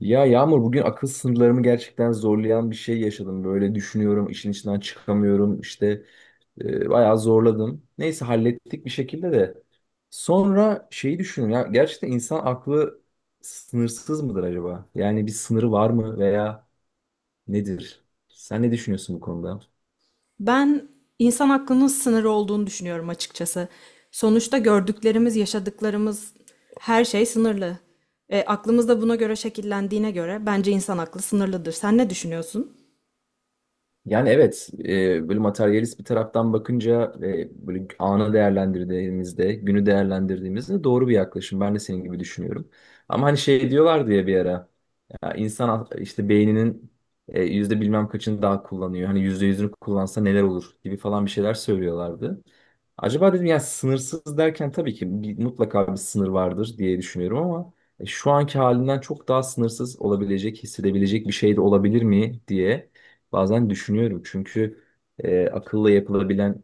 Ya Yağmur bugün akıl sınırlarımı gerçekten zorlayan bir şey yaşadım. Böyle düşünüyorum, işin içinden çıkamıyorum. İşte bayağı zorladım. Neyse hallettik bir şekilde de. Sonra şeyi düşünün ya gerçekten insan aklı sınırsız mıdır acaba? Yani bir sınırı var mı veya nedir? Sen ne düşünüyorsun bu konuda? Ben insan aklının sınırı olduğunu düşünüyorum açıkçası. Sonuçta gördüklerimiz, yaşadıklarımız her şey sınırlı. Aklımız da buna göre şekillendiğine göre bence insan aklı sınırlıdır. Sen ne düşünüyorsun? Yani evet, böyle materyalist bir taraftan bakınca böyle anı değerlendirdiğimizde, günü değerlendirdiğimizde doğru bir yaklaşım. Ben de senin gibi düşünüyorum. Ama hani şey diyorlar diye bir ara, ya insan işte beyninin yüzde bilmem kaçını daha kullanıyor. Hani yüzde yüzünü kullansa neler olur gibi falan bir şeyler söylüyorlardı. Acaba dedim ya sınırsız derken tabii ki bir, mutlaka bir sınır vardır diye düşünüyorum ama şu anki halinden çok daha sınırsız olabilecek, hissedebilecek bir şey de olabilir mi diye. Bazen düşünüyorum çünkü akılla yapılabilen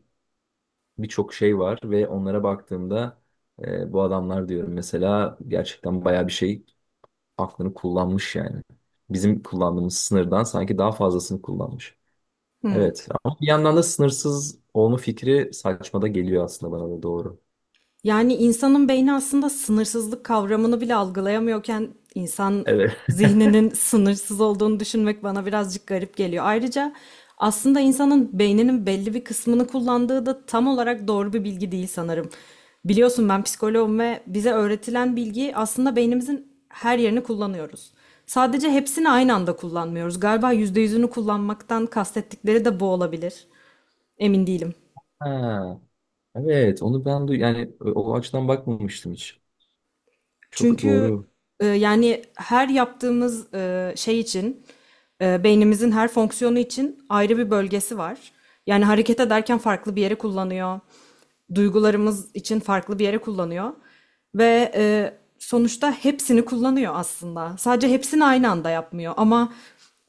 birçok şey var ve onlara baktığımda bu adamlar diyorum mesela gerçekten bayağı bir şey aklını kullanmış yani. Bizim kullandığımız sınırdan sanki daha fazlasını kullanmış. Evet ama bir yandan da sınırsız olma fikri saçmada geliyor aslında bana da doğru. Yani insanın beyni aslında sınırsızlık kavramını bile algılayamıyorken insan Evet. zihninin sınırsız olduğunu düşünmek bana birazcık garip geliyor. Ayrıca aslında insanın beyninin belli bir kısmını kullandığı da tam olarak doğru bir bilgi değil sanırım. Biliyorsun ben psikoloğum ve bize öğretilen bilgi aslında beynimizin her yerini kullanıyoruz. Sadece hepsini aynı anda kullanmıyoruz. Galiba yüzde yüzünü kullanmaktan kastettikleri de bu olabilir. Emin değilim. Ha, evet onu ben duy yani o açıdan bakmamıştım hiç. Çok Çünkü doğru. Yani her yaptığımız şey için beynimizin her fonksiyonu için ayrı bir bölgesi var. Yani hareket ederken farklı bir yere kullanıyor. Duygularımız için farklı bir yere kullanıyor. Ve sonuçta hepsini kullanıyor aslında. Sadece hepsini aynı anda yapmıyor. Ama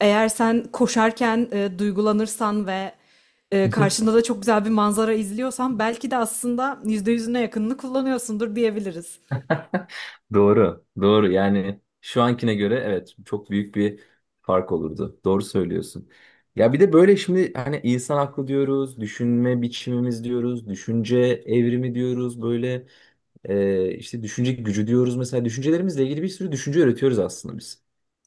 eğer sen koşarken duygulanırsan ve karşında da çok güzel bir manzara izliyorsan belki de aslında %100'üne yakınını kullanıyorsundur diyebiliriz. Doğru, doğru. Yani şu ankine göre evet çok büyük bir fark olurdu. Doğru söylüyorsun. Ya bir de böyle şimdi hani insan aklı diyoruz, düşünme biçimimiz diyoruz, düşünce evrimi diyoruz, böyle işte düşünce gücü diyoruz. Mesela düşüncelerimizle ilgili bir sürü düşünce üretiyoruz aslında biz.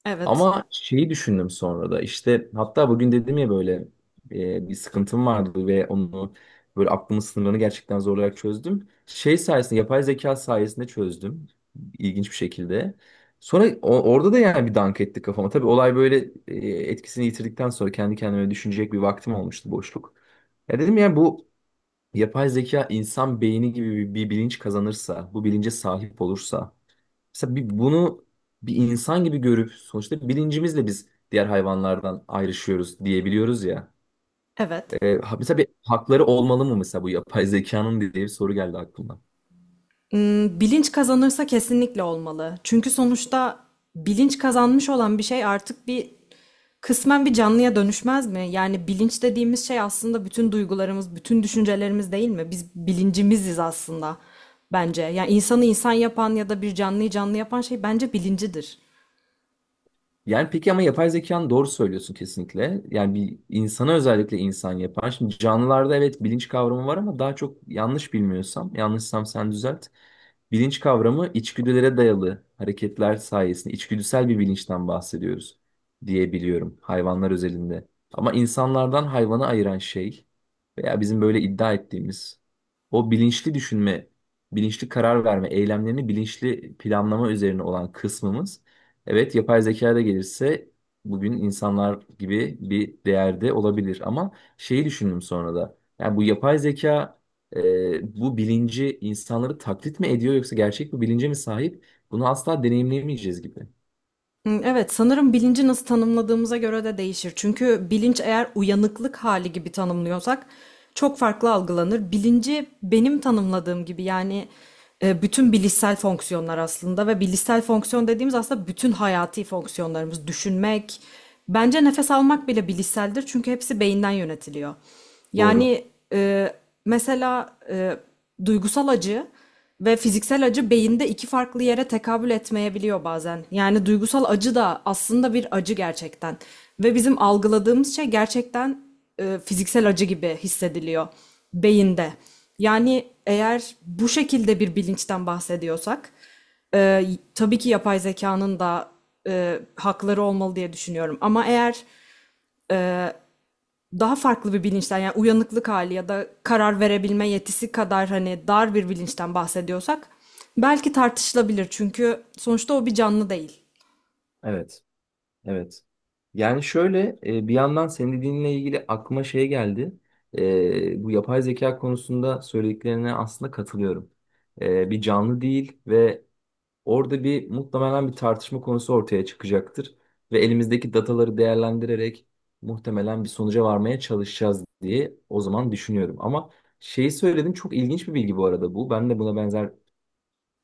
Evet. Ama şeyi düşündüm sonra da işte hatta bugün dedim ya böyle bir sıkıntım vardı ve onu böyle aklımın sınırlarını gerçekten zorlayarak çözdüm. Şey sayesinde yapay zeka sayesinde çözdüm ilginç bir şekilde. Sonra orada da yani bir dank etti kafama. Tabii olay böyle etkisini yitirdikten sonra kendi kendime düşünecek bir vaktim olmuştu boşluk. Ya dedim ya bu yapay zeka insan beyni gibi bir bilinç kazanırsa, bu bilince sahip olursa mesela bir, bunu bir insan gibi görüp sonuçta bilincimizle biz diğer hayvanlardan ayrışıyoruz diyebiliyoruz ya. Evet. Mesela bir hakları olmalı mı mesela bu yapay zekanın diye bir soru geldi aklıma. Hmm, bilinç kazanırsa kesinlikle olmalı. Çünkü sonuçta bilinç kazanmış olan bir şey artık kısmen bir canlıya dönüşmez mi? Yani bilinç dediğimiz şey aslında bütün duygularımız, bütün düşüncelerimiz değil mi? Biz bilincimiziz aslında bence. Yani insanı insan yapan ya da bir canlıyı canlı yapan şey bence bilincidir. Yani peki ama yapay zekanın doğru söylüyorsun kesinlikle. Yani bir insana özellikle insan yapar. Şimdi canlılarda evet bilinç kavramı var ama daha çok yanlış bilmiyorsam, yanlışsam sen düzelt. Bilinç kavramı içgüdülere dayalı hareketler sayesinde içgüdüsel bir bilinçten bahsediyoruz diye biliyorum hayvanlar özelinde. Ama insanlardan hayvanı ayıran şey veya bizim böyle iddia ettiğimiz o bilinçli düşünme, bilinçli karar verme, eylemlerini bilinçli planlama üzerine olan kısmımız evet yapay zeka da gelirse bugün insanlar gibi bir değerde olabilir ama şeyi düşündüm sonra da yani bu yapay zeka bu bilinci insanları taklit mi ediyor yoksa gerçek bir bilince mi sahip bunu asla deneyimleyemeyeceğiz gibi. Hmm, evet, sanırım bilinci nasıl tanımladığımıza göre de değişir. Çünkü bilinç eğer uyanıklık hali gibi tanımlıyorsak çok farklı algılanır. Bilinci benim tanımladığım gibi yani bütün bilişsel fonksiyonlar aslında ve bilişsel fonksiyon dediğimiz aslında bütün hayati fonksiyonlarımız, düşünmek, bence nefes almak bile bilişseldir çünkü hepsi beyinden yönetiliyor. Doğru. Yani e, mesela duygusal acı ve fiziksel acı beyinde iki farklı yere tekabül etmeyebiliyor bazen. Yani duygusal acı da aslında bir acı gerçekten. Ve bizim algıladığımız şey gerçekten fiziksel acı gibi hissediliyor beyinde. Yani eğer bu şekilde bir bilinçten bahsediyorsak, e, tabii ki yapay zekanın da hakları olmalı diye düşünüyorum. Ama eğer daha farklı bir bilinçten yani uyanıklık hali ya da karar verebilme yetisi kadar hani dar bir bilinçten bahsediyorsak belki tartışılabilir çünkü sonuçta o bir canlı değil. Evet. Evet. Yani şöyle bir yandan senin dediğinle ilgili aklıma şey geldi. Bu yapay zeka konusunda söylediklerine aslında katılıyorum. Bir canlı değil ve orada bir muhtemelen bir tartışma konusu ortaya çıkacaktır. Ve elimizdeki dataları değerlendirerek muhtemelen bir sonuca varmaya çalışacağız diye o zaman düşünüyorum. Ama şeyi söyledin çok ilginç bir bilgi bu arada bu. Ben de buna benzer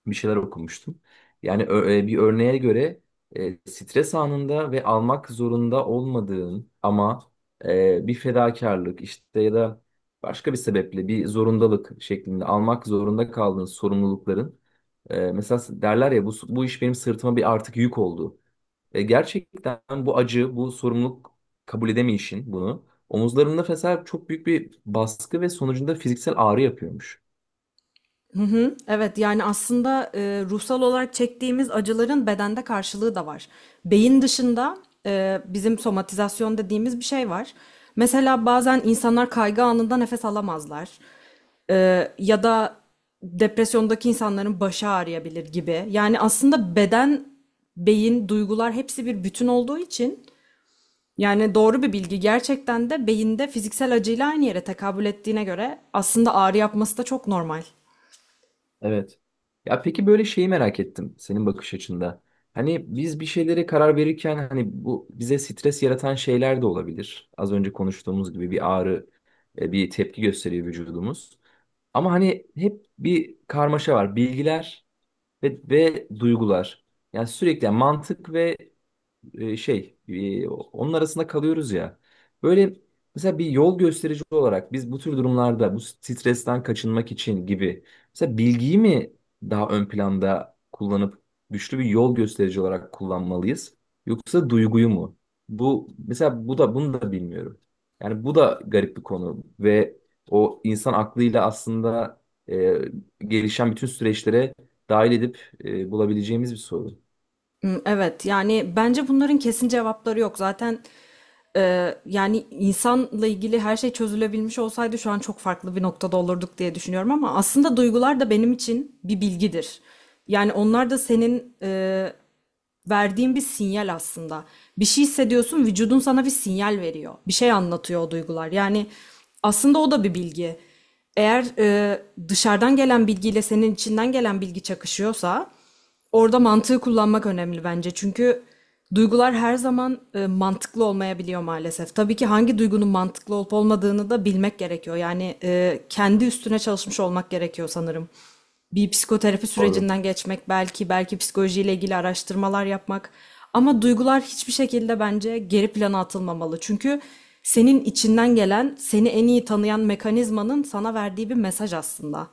bir şeyler okumuştum. Yani bir örneğe göre stres anında ve almak zorunda olmadığın ama bir fedakarlık işte ya da başka bir sebeple bir zorundalık şeklinde almak zorunda kaldığın sorumlulukların mesela derler ya bu, bu iş benim sırtıma bir artık yük oldu. Gerçekten bu acı, bu sorumluluk kabul edemeyişin bunu omuzlarında mesela çok büyük bir baskı ve sonucunda fiziksel ağrı yapıyormuş. Evet yani aslında ruhsal olarak çektiğimiz acıların bedende karşılığı da var. Beyin dışında bizim somatizasyon dediğimiz bir şey var. Mesela bazen insanlar kaygı anında nefes alamazlar. Ya da depresyondaki insanların başı ağrıyabilir gibi. Yani aslında beden, beyin, duygular hepsi bir bütün olduğu için yani doğru bir bilgi gerçekten de beyinde fiziksel acıyla aynı yere tekabül ettiğine göre aslında ağrı yapması da çok normal. Evet. Ya peki böyle şeyi merak ettim senin bakış açında. Hani biz bir şeylere karar verirken hani bu bize stres yaratan şeyler de olabilir. Az önce konuştuğumuz gibi bir ağrı, bir tepki gösteriyor vücudumuz. Ama hani hep bir karmaşa var. Bilgiler ve duygular. Yani sürekli yani mantık ve onun arasında kalıyoruz ya. Böyle mesela bir yol gösterici olarak biz bu tür durumlarda bu stresten kaçınmak için gibi mesela bilgiyi mi daha ön planda kullanıp güçlü bir yol gösterici olarak kullanmalıyız yoksa duyguyu mu? Bu mesela bu da bunu da bilmiyorum. Yani bu da garip bir konu ve o insan aklıyla aslında e, gelişen bütün süreçlere dahil edip bulabileceğimiz bir soru. Hmm, evet yani bence bunların kesin cevapları yok. Zaten Yani insanla ilgili her şey çözülebilmiş olsaydı şu an çok farklı bir noktada olurduk diye düşünüyorum ama aslında duygular da benim için bir bilgidir. Yani onlar da senin verdiğin bir sinyal aslında. Bir şey hissediyorsun, vücudun sana bir sinyal veriyor. Bir şey anlatıyor o duygular. Yani aslında o da bir bilgi. Eğer dışarıdan gelen bilgiyle senin içinden gelen bilgi çakışıyorsa orada mantığı kullanmak önemli bence. Çünkü duygular her zaman mantıklı olmayabiliyor maalesef. Tabii ki hangi duygunun mantıklı olup olmadığını da bilmek gerekiyor. Yani kendi üstüne çalışmış olmak gerekiyor sanırım. Bir psikoterapi Doğru. sürecinden geçmek belki, belki psikolojiyle ilgili araştırmalar yapmak. Ama duygular hiçbir şekilde bence geri plana atılmamalı. Çünkü senin içinden gelen, seni en iyi tanıyan mekanizmanın sana verdiği bir mesaj aslında.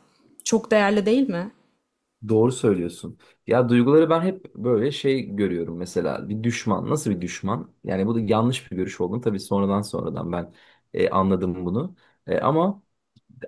Çok değerli değil mi? Doğru söylüyorsun. Ya duyguları ben hep böyle şey görüyorum mesela bir düşman nasıl bir düşman? Yani bu da yanlış bir görüş olduğunu tabii sonradan ben anladım bunu. Ama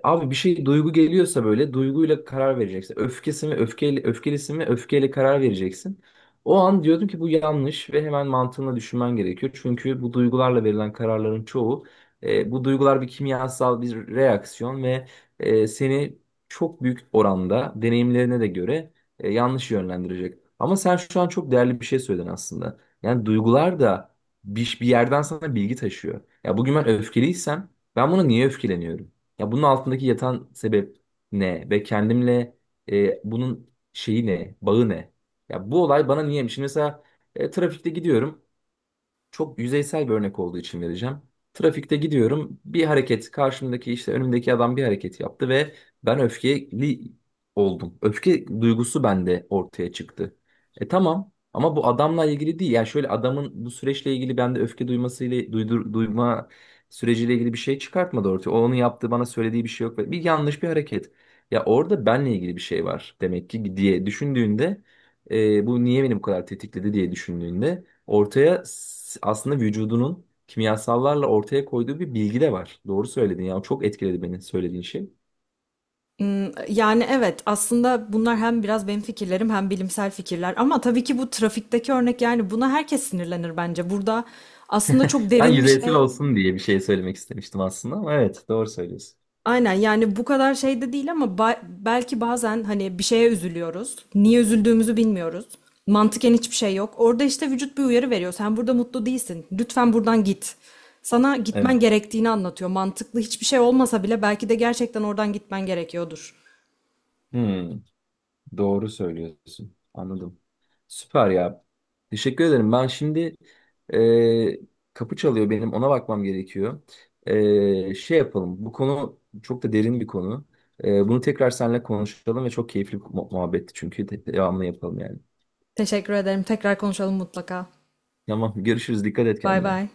abi bir şey duygu geliyorsa böyle duyguyla karar vereceksin. Öfkesi mi öfkeyle öfkelisi mi öfkeyle karar vereceksin. O an diyordum ki bu yanlış ve hemen mantığına düşünmen gerekiyor. Çünkü bu duygularla verilen kararların çoğu bu duygular bir kimyasal bir reaksiyon ve seni çok büyük oranda deneyimlerine de göre yanlış yönlendirecek. Ama sen şu an çok değerli bir şey söyledin aslında. Yani duygular da bir yerden sana bilgi taşıyor. Ya bugün ben öfkeliysem ben buna niye öfkeleniyorum? Ya bunun altındaki yatan sebep ne ve kendimle bunun şeyi ne, bağı ne? Ya bu olay bana niyeymiş? Şimdi mesela trafikte gidiyorum çok yüzeysel bir örnek olduğu için vereceğim. Trafikte gidiyorum. Bir hareket karşımdaki işte önümdeki adam bir hareket yaptı ve ben öfkeli oldum. Öfke duygusu bende ortaya çıktı. E tamam ama bu adamla ilgili değil. Yani şöyle adamın bu süreçle ilgili bende öfke duymasıyla duydur, duyma süreciyle ilgili bir şey çıkartmadı ortaya. O onun yaptığı bana söylediği bir şey yok. Bir yanlış bir hareket. Ya orada benle ilgili bir şey var demek ki diye düşündüğünde bu niye beni bu kadar tetikledi diye düşündüğünde ortaya aslında vücudunun kimyasallarla ortaya koyduğu bir bilgi de var. Doğru söyledin ya. Çok etkiledi beni söylediğin şey. Yani evet aslında bunlar hem biraz benim fikirlerim hem bilimsel fikirler ama tabii ki bu trafikteki örnek yani buna herkes sinirlenir bence. Burada aslında çok Ben derin bir yüzeysel şey. olsun diye bir şey söylemek istemiştim aslında ama evet doğru söylüyorsun. Aynen yani bu kadar şey de değil ama belki bazen hani bir şeye üzülüyoruz. Niye üzüldüğümüzü bilmiyoruz. Mantıken hiçbir şey yok. Orada işte vücut bir uyarı veriyor. Sen burada mutlu değilsin. Lütfen buradan git. Sana Evet. gitmen gerektiğini anlatıyor. Mantıklı hiçbir şey olmasa bile belki de gerçekten oradan gitmen gerekiyordur. Hmm, doğru söylüyorsun. Anladım. Süper ya. Teşekkür ederim. Ben şimdi kapı çalıyor benim. Ona bakmam gerekiyor. Şey yapalım. Bu konu çok da derin bir konu. Bunu tekrar seninle konuşalım ve çok keyifli bir muhabbetti çünkü. Devamlı yapalım yani. Teşekkür ederim. Tekrar konuşalım mutlaka. Tamam görüşürüz. Dikkat et Bay kendine. bay.